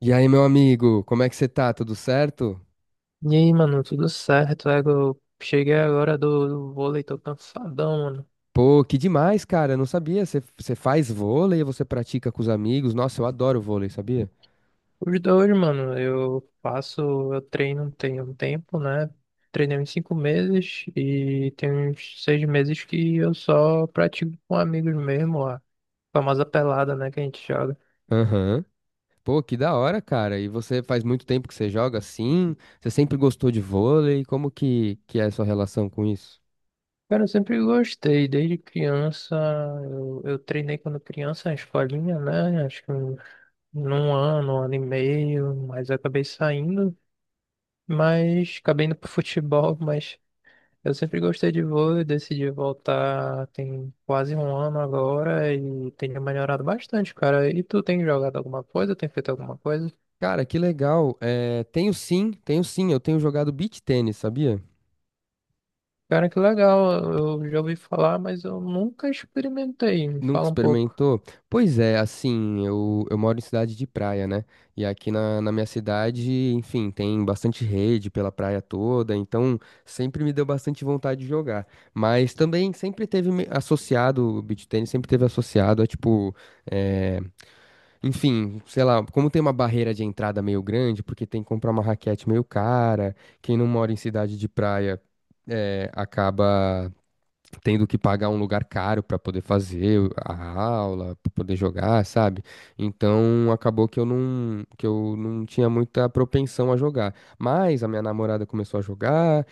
E aí, meu amigo, como é que você tá? Tudo certo? E aí, mano, tudo certo? É, eu cheguei agora do vôlei, tô cansadão, mano. Pô, que demais, cara. Eu não sabia. Você faz vôlei, você pratica com os amigos. Nossa, eu adoro vôlei, sabia? Os dois, mano, eu treino tem um tempo, né? Treinei uns 5 meses e tem uns 6 meses que eu só pratico com amigos mesmo, a famosa pelada, né, que a gente joga. Aham. Pô, que da hora, cara. E você faz muito tempo que você joga assim? Você sempre gostou de vôlei? Como que é a sua relação com isso? Cara, eu sempre gostei, desde criança, eu treinei quando criança na escolinha, né? Acho que num ano, um ano e meio, mas acabei saindo. Mas acabei indo pro futebol, mas eu sempre gostei de vôlei, decidi voltar tem quase um ano agora e tenho melhorado bastante, cara. E tu tem jogado alguma coisa? Tem feito alguma coisa? Cara, que legal. É, tenho sim, tenho sim. Eu tenho jogado beach tênis, sabia? Cara, que legal, eu já ouvi falar, mas eu nunca experimentei. Me Nunca fala um pouco. experimentou? Pois é, assim, eu moro em cidade de praia, né? E aqui na minha cidade, enfim, tem bastante rede pela praia toda, então sempre me deu bastante vontade de jogar. Mas também sempre teve associado. O beach tennis sempre teve associado a tipo, é, enfim, sei lá, como tem uma barreira de entrada meio grande, porque tem que comprar uma raquete meio cara, quem não mora em cidade de praia. É, acaba tendo que pagar um lugar caro para poder fazer a aula, para poder jogar, sabe? Então acabou que eu não tinha muita propensão a jogar. Mas a minha namorada começou a jogar,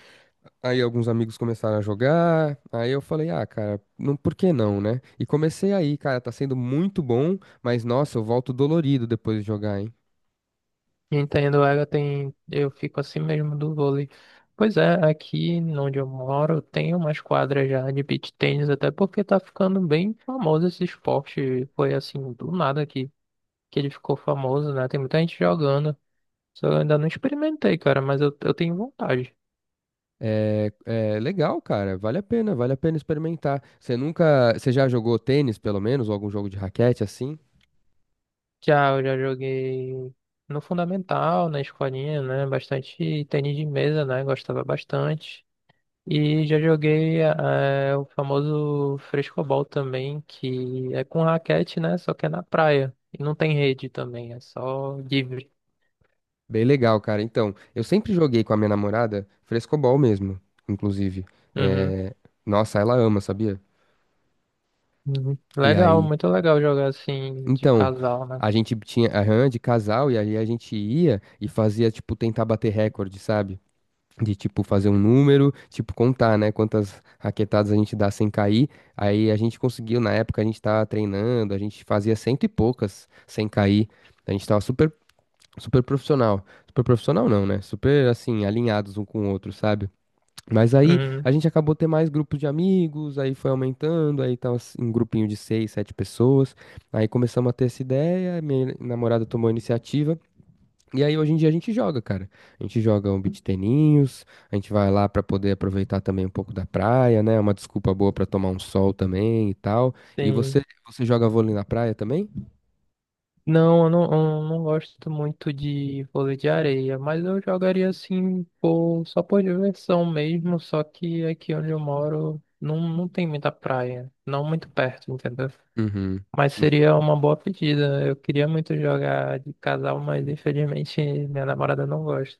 aí alguns amigos começaram a jogar, aí eu falei: "Ah, cara, não, por que não, né?" E comecei aí, cara, tá sendo muito bom, mas nossa, eu volto dolorido depois de jogar, hein? Entendo, ela tem, eu fico assim mesmo do vôlei. Pois é, aqui onde eu moro tem umas quadras já de beach tennis, até porque tá ficando bem famoso esse esporte. Foi assim, do nada que ele ficou famoso, né? Tem muita gente jogando. Só eu ainda não experimentei, cara, mas eu tenho vontade. É, é legal, cara. Vale a pena experimentar. Você nunca, você já jogou tênis, pelo menos, ou algum jogo de raquete assim? Já, eu já joguei no Fundamental, na escolinha, né? Bastante tênis de mesa, né? Gostava bastante. E já joguei o famoso frescobol também, que é com raquete, né? Só que é na praia. E não tem rede também, é só livre. Bem legal, cara. Então, eu sempre joguei com a minha namorada frescobol mesmo, inclusive. Uhum. É, nossa, ela ama, sabia? Uhum. E Legal, aí, muito legal jogar assim de então, casal, né? a gente tinha, aham, de casal e aí a gente ia e fazia, tipo, tentar bater recorde, sabe? De, tipo, fazer um número, tipo, contar, né? Quantas raquetadas a gente dá sem cair. Aí a gente conseguiu, na época a gente tava treinando, a gente fazia cento e poucas sem cair. A gente tava super, super profissional. Super profissional não, né? Super, assim, alinhados um com o outro, sabe? Mas aí Uhum. a gente acabou ter mais grupos de amigos, aí foi aumentando, aí tava um grupinho de seis, sete pessoas. Aí começamos a ter essa ideia, minha namorada tomou a iniciativa. E aí hoje em dia a gente joga, cara. A gente joga um beach teninhos, a gente vai lá pra poder aproveitar também um pouco da praia, né? É uma desculpa boa pra tomar um sol também e tal. E Sim. você, você joga vôlei na praia também? Não, eu não, eu não gosto muito de vôlei de areia, mas eu jogaria assim por, só por diversão mesmo, só que aqui onde eu moro não, não tem muita praia, não muito perto, entendeu? Uhum. Mas seria uma boa pedida. Eu queria muito jogar de casal, mas infelizmente minha namorada não gosta.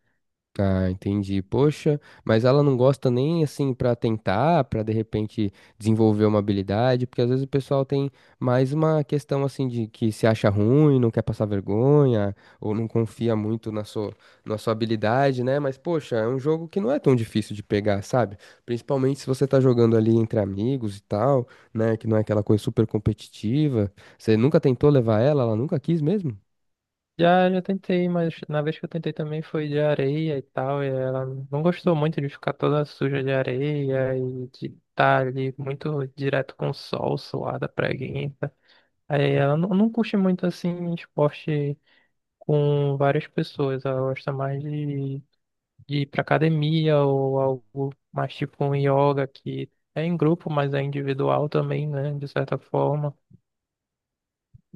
Ah, entendi. Poxa, mas ela não gosta nem assim pra tentar, pra de repente desenvolver uma habilidade, porque às vezes o pessoal tem mais uma questão assim de que se acha ruim, não quer passar vergonha, ou não confia muito na sua habilidade, né? Mas poxa, é um jogo que não é tão difícil de pegar, sabe? Principalmente se você tá jogando ali entre amigos e tal, né? Que não é aquela coisa super competitiva. Você nunca tentou levar ela, ela nunca quis mesmo? Já, já tentei, mas na vez que eu tentei também foi de areia e tal, e ela não gostou muito de ficar toda suja de areia e de estar ali muito direto com o sol, suada, preguiça. Aí ela não, não curte muito assim esporte com várias pessoas, ela gosta mais de ir pra academia ou algo mais tipo um yoga que é em grupo, mas é individual também, né, de certa forma.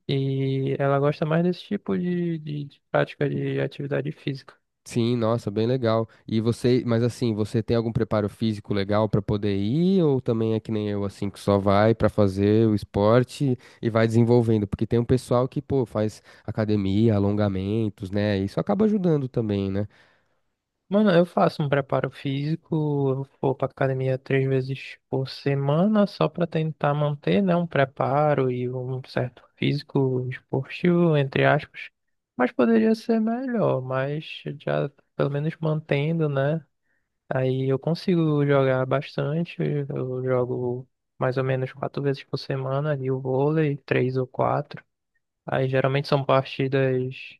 E ela gosta mais desse tipo de, de prática de atividade física. Sim, nossa, bem legal. E você, mas assim, você tem algum preparo físico legal pra poder ir ou também é que nem eu assim que só vai pra fazer o esporte e vai desenvolvendo? Porque tem um pessoal que, pô, faz academia, alongamentos, né? Isso acaba ajudando também, né? Mano, eu faço um preparo físico, eu vou pra academia 3 vezes por semana só pra tentar manter, né, um preparo e um certo físico esportivo, entre aspas. Mas poderia ser melhor, mas já pelo menos mantendo, né? Aí eu consigo jogar bastante, eu jogo mais ou menos 4 vezes por semana ali o vôlei, três ou quatro. Aí geralmente são partidas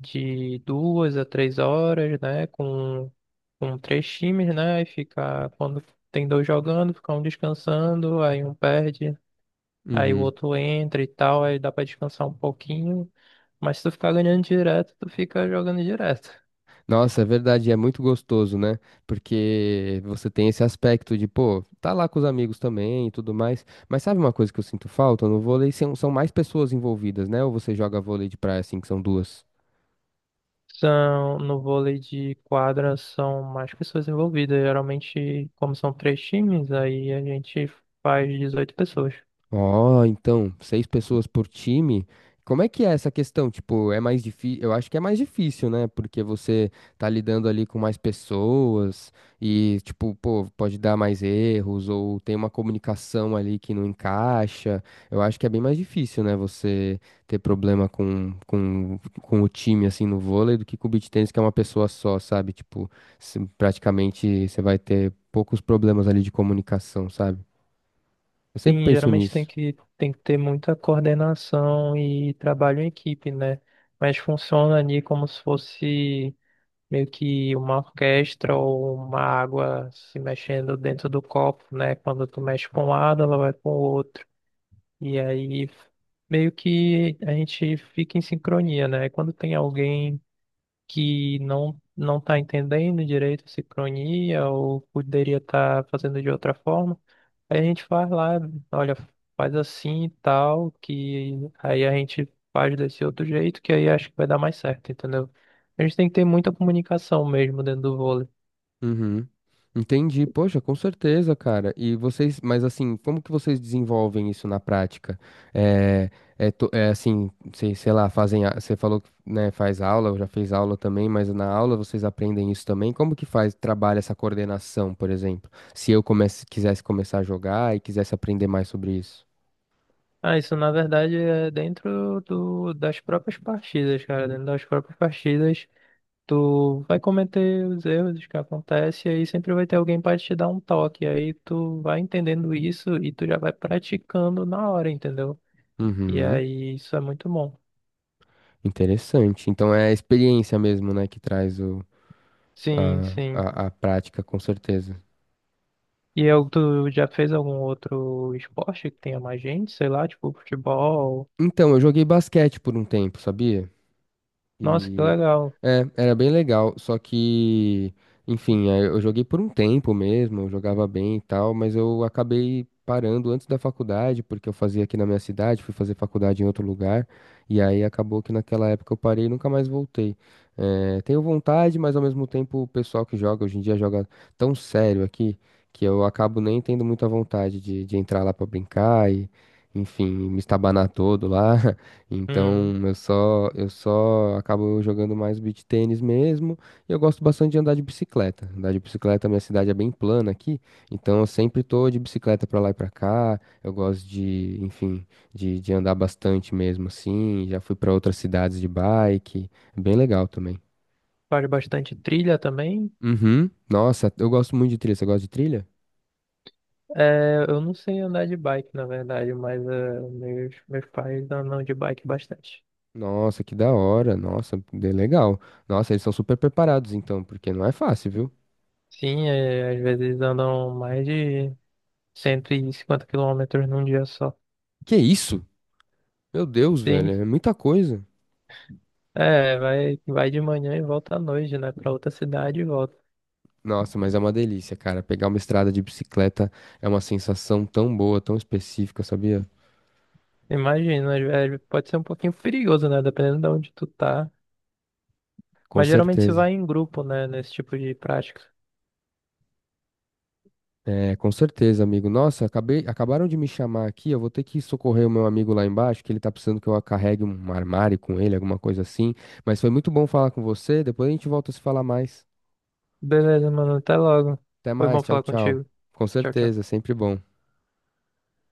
de 2 a 3 horas, né? Com três times, né? E fica, quando tem dois jogando, fica um descansando, aí um perde, aí o Uhum. outro entra e tal, aí dá pra descansar um pouquinho. Mas se tu ficar ganhando direto, tu fica jogando direto. Nossa, é verdade, é muito gostoso, né? Porque você tem esse aspecto de, pô, tá lá com os amigos também e tudo mais. Mas sabe uma coisa que eu sinto falta no vôlei? São mais pessoas envolvidas, né? Ou você joga vôlei de praia assim, que são duas? São, no vôlei de quadra são mais pessoas envolvidas. Geralmente, como são três times, aí a gente faz 18 pessoas. Ó, então, seis pessoas por time. Como é que é essa questão? Tipo, é mais difícil. Eu acho que é mais difícil, né? Porque você tá lidando ali com mais pessoas e, tipo, pô, pode dar mais erros ou tem uma comunicação ali que não encaixa. Eu acho que é bem mais difícil, né? Você ter problema com o time, assim, no vôlei do que com o beach tennis, que é uma pessoa só, sabe? Tipo, praticamente você vai ter poucos problemas ali de comunicação, sabe? Eu sempre Sim, penso geralmente tem nisso. que, tem que ter muita coordenação e trabalho em equipe, né? Mas funciona ali como se fosse meio que uma orquestra ou uma água se mexendo dentro do copo, né? Quando tu mexe para um lado, ela vai para o outro. E aí meio que a gente fica em sincronia, né? Quando tem alguém que não não está entendendo direito a sincronia ou poderia estar fazendo de outra forma, aí a gente faz lá, olha, faz assim e tal, que aí a gente faz desse outro jeito, que aí acho que vai dar mais certo, entendeu? A gente tem que ter muita comunicação mesmo dentro do vôlei. Uhum. Entendi, poxa, com certeza, cara. E vocês, mas assim, como que vocês desenvolvem isso na prática? É, é assim, sei lá, fazem, você falou que, né, faz aula, já fez aula também, mas na aula vocês aprendem isso também? Como que faz, trabalha essa coordenação, por exemplo? Se eu comece, quisesse começar a jogar e quisesse aprender mais sobre isso. Ah, isso na verdade é dentro do, das próprias partidas, cara. Dentro das próprias partidas, tu vai cometer os erros que acontecem, e aí sempre vai ter alguém para te dar um toque. Aí tu vai entendendo isso e tu já vai praticando na hora, entendeu? E Uhum. aí isso é muito bom. Interessante. Então é a experiência mesmo, né, que traz o, Sim, sim. A prática, com certeza. E eu, tu já fez algum outro esporte que tenha mais gente? Sei lá, tipo futebol. Então, eu joguei basquete por um tempo, sabia? Nossa, que E legal. é, era bem legal, só que, enfim, aí eu joguei por um tempo mesmo, eu jogava bem e tal, mas eu acabei parando antes da faculdade, porque eu fazia aqui na minha cidade, fui fazer faculdade em outro lugar, e aí acabou que naquela época eu parei e nunca mais voltei. É, tenho vontade, mas ao mesmo tempo o pessoal que joga hoje em dia joga tão sério aqui que eu acabo nem tendo muita vontade de entrar lá pra brincar e, enfim, me estabanar todo lá. Então, Hum, eu só acabo jogando mais beach tênis mesmo, e eu gosto bastante de andar de bicicleta. Andar de bicicleta, minha cidade é bem plana aqui, então eu sempre tô de bicicleta pra lá e pra cá. Eu gosto de, enfim, de andar bastante mesmo assim. Já fui pra outras cidades de bike, é bem legal também. faz bastante trilha também. Uhum. Nossa, eu gosto muito de trilha. Você gosta de trilha? É, eu não sei andar de bike, na verdade, mas é, meus pais andam de bike bastante. Nossa, que da hora. Nossa, bem legal. Nossa, eles são super preparados então, porque não é fácil, viu? Sim, é, às vezes andam mais de 150 quilômetros num dia só. Que isso? Meu Deus, Sim, velho, é muita coisa. é, vai, vai de manhã e volta à noite, né? Pra outra cidade e volta. Nossa, mas é uma delícia, cara. Pegar uma estrada de bicicleta é uma sensação tão boa, tão específica, sabia? Imagina, às vezes pode ser um pouquinho perigoso, né? Dependendo de onde tu tá. Com Mas geralmente se certeza. vai em grupo, né? Nesse tipo de prática. É, com certeza, amigo. Nossa, acabei, acabaram de me chamar aqui. Eu vou ter que socorrer o meu amigo lá embaixo, que ele tá precisando que eu carregue um armário com ele, alguma coisa assim. Mas foi muito bom falar com você. Depois a gente volta a se falar mais. Beleza, mano. Até logo. Até Foi mais. bom Tchau, falar tchau. contigo. Com Tchau, tchau. certeza, sempre bom.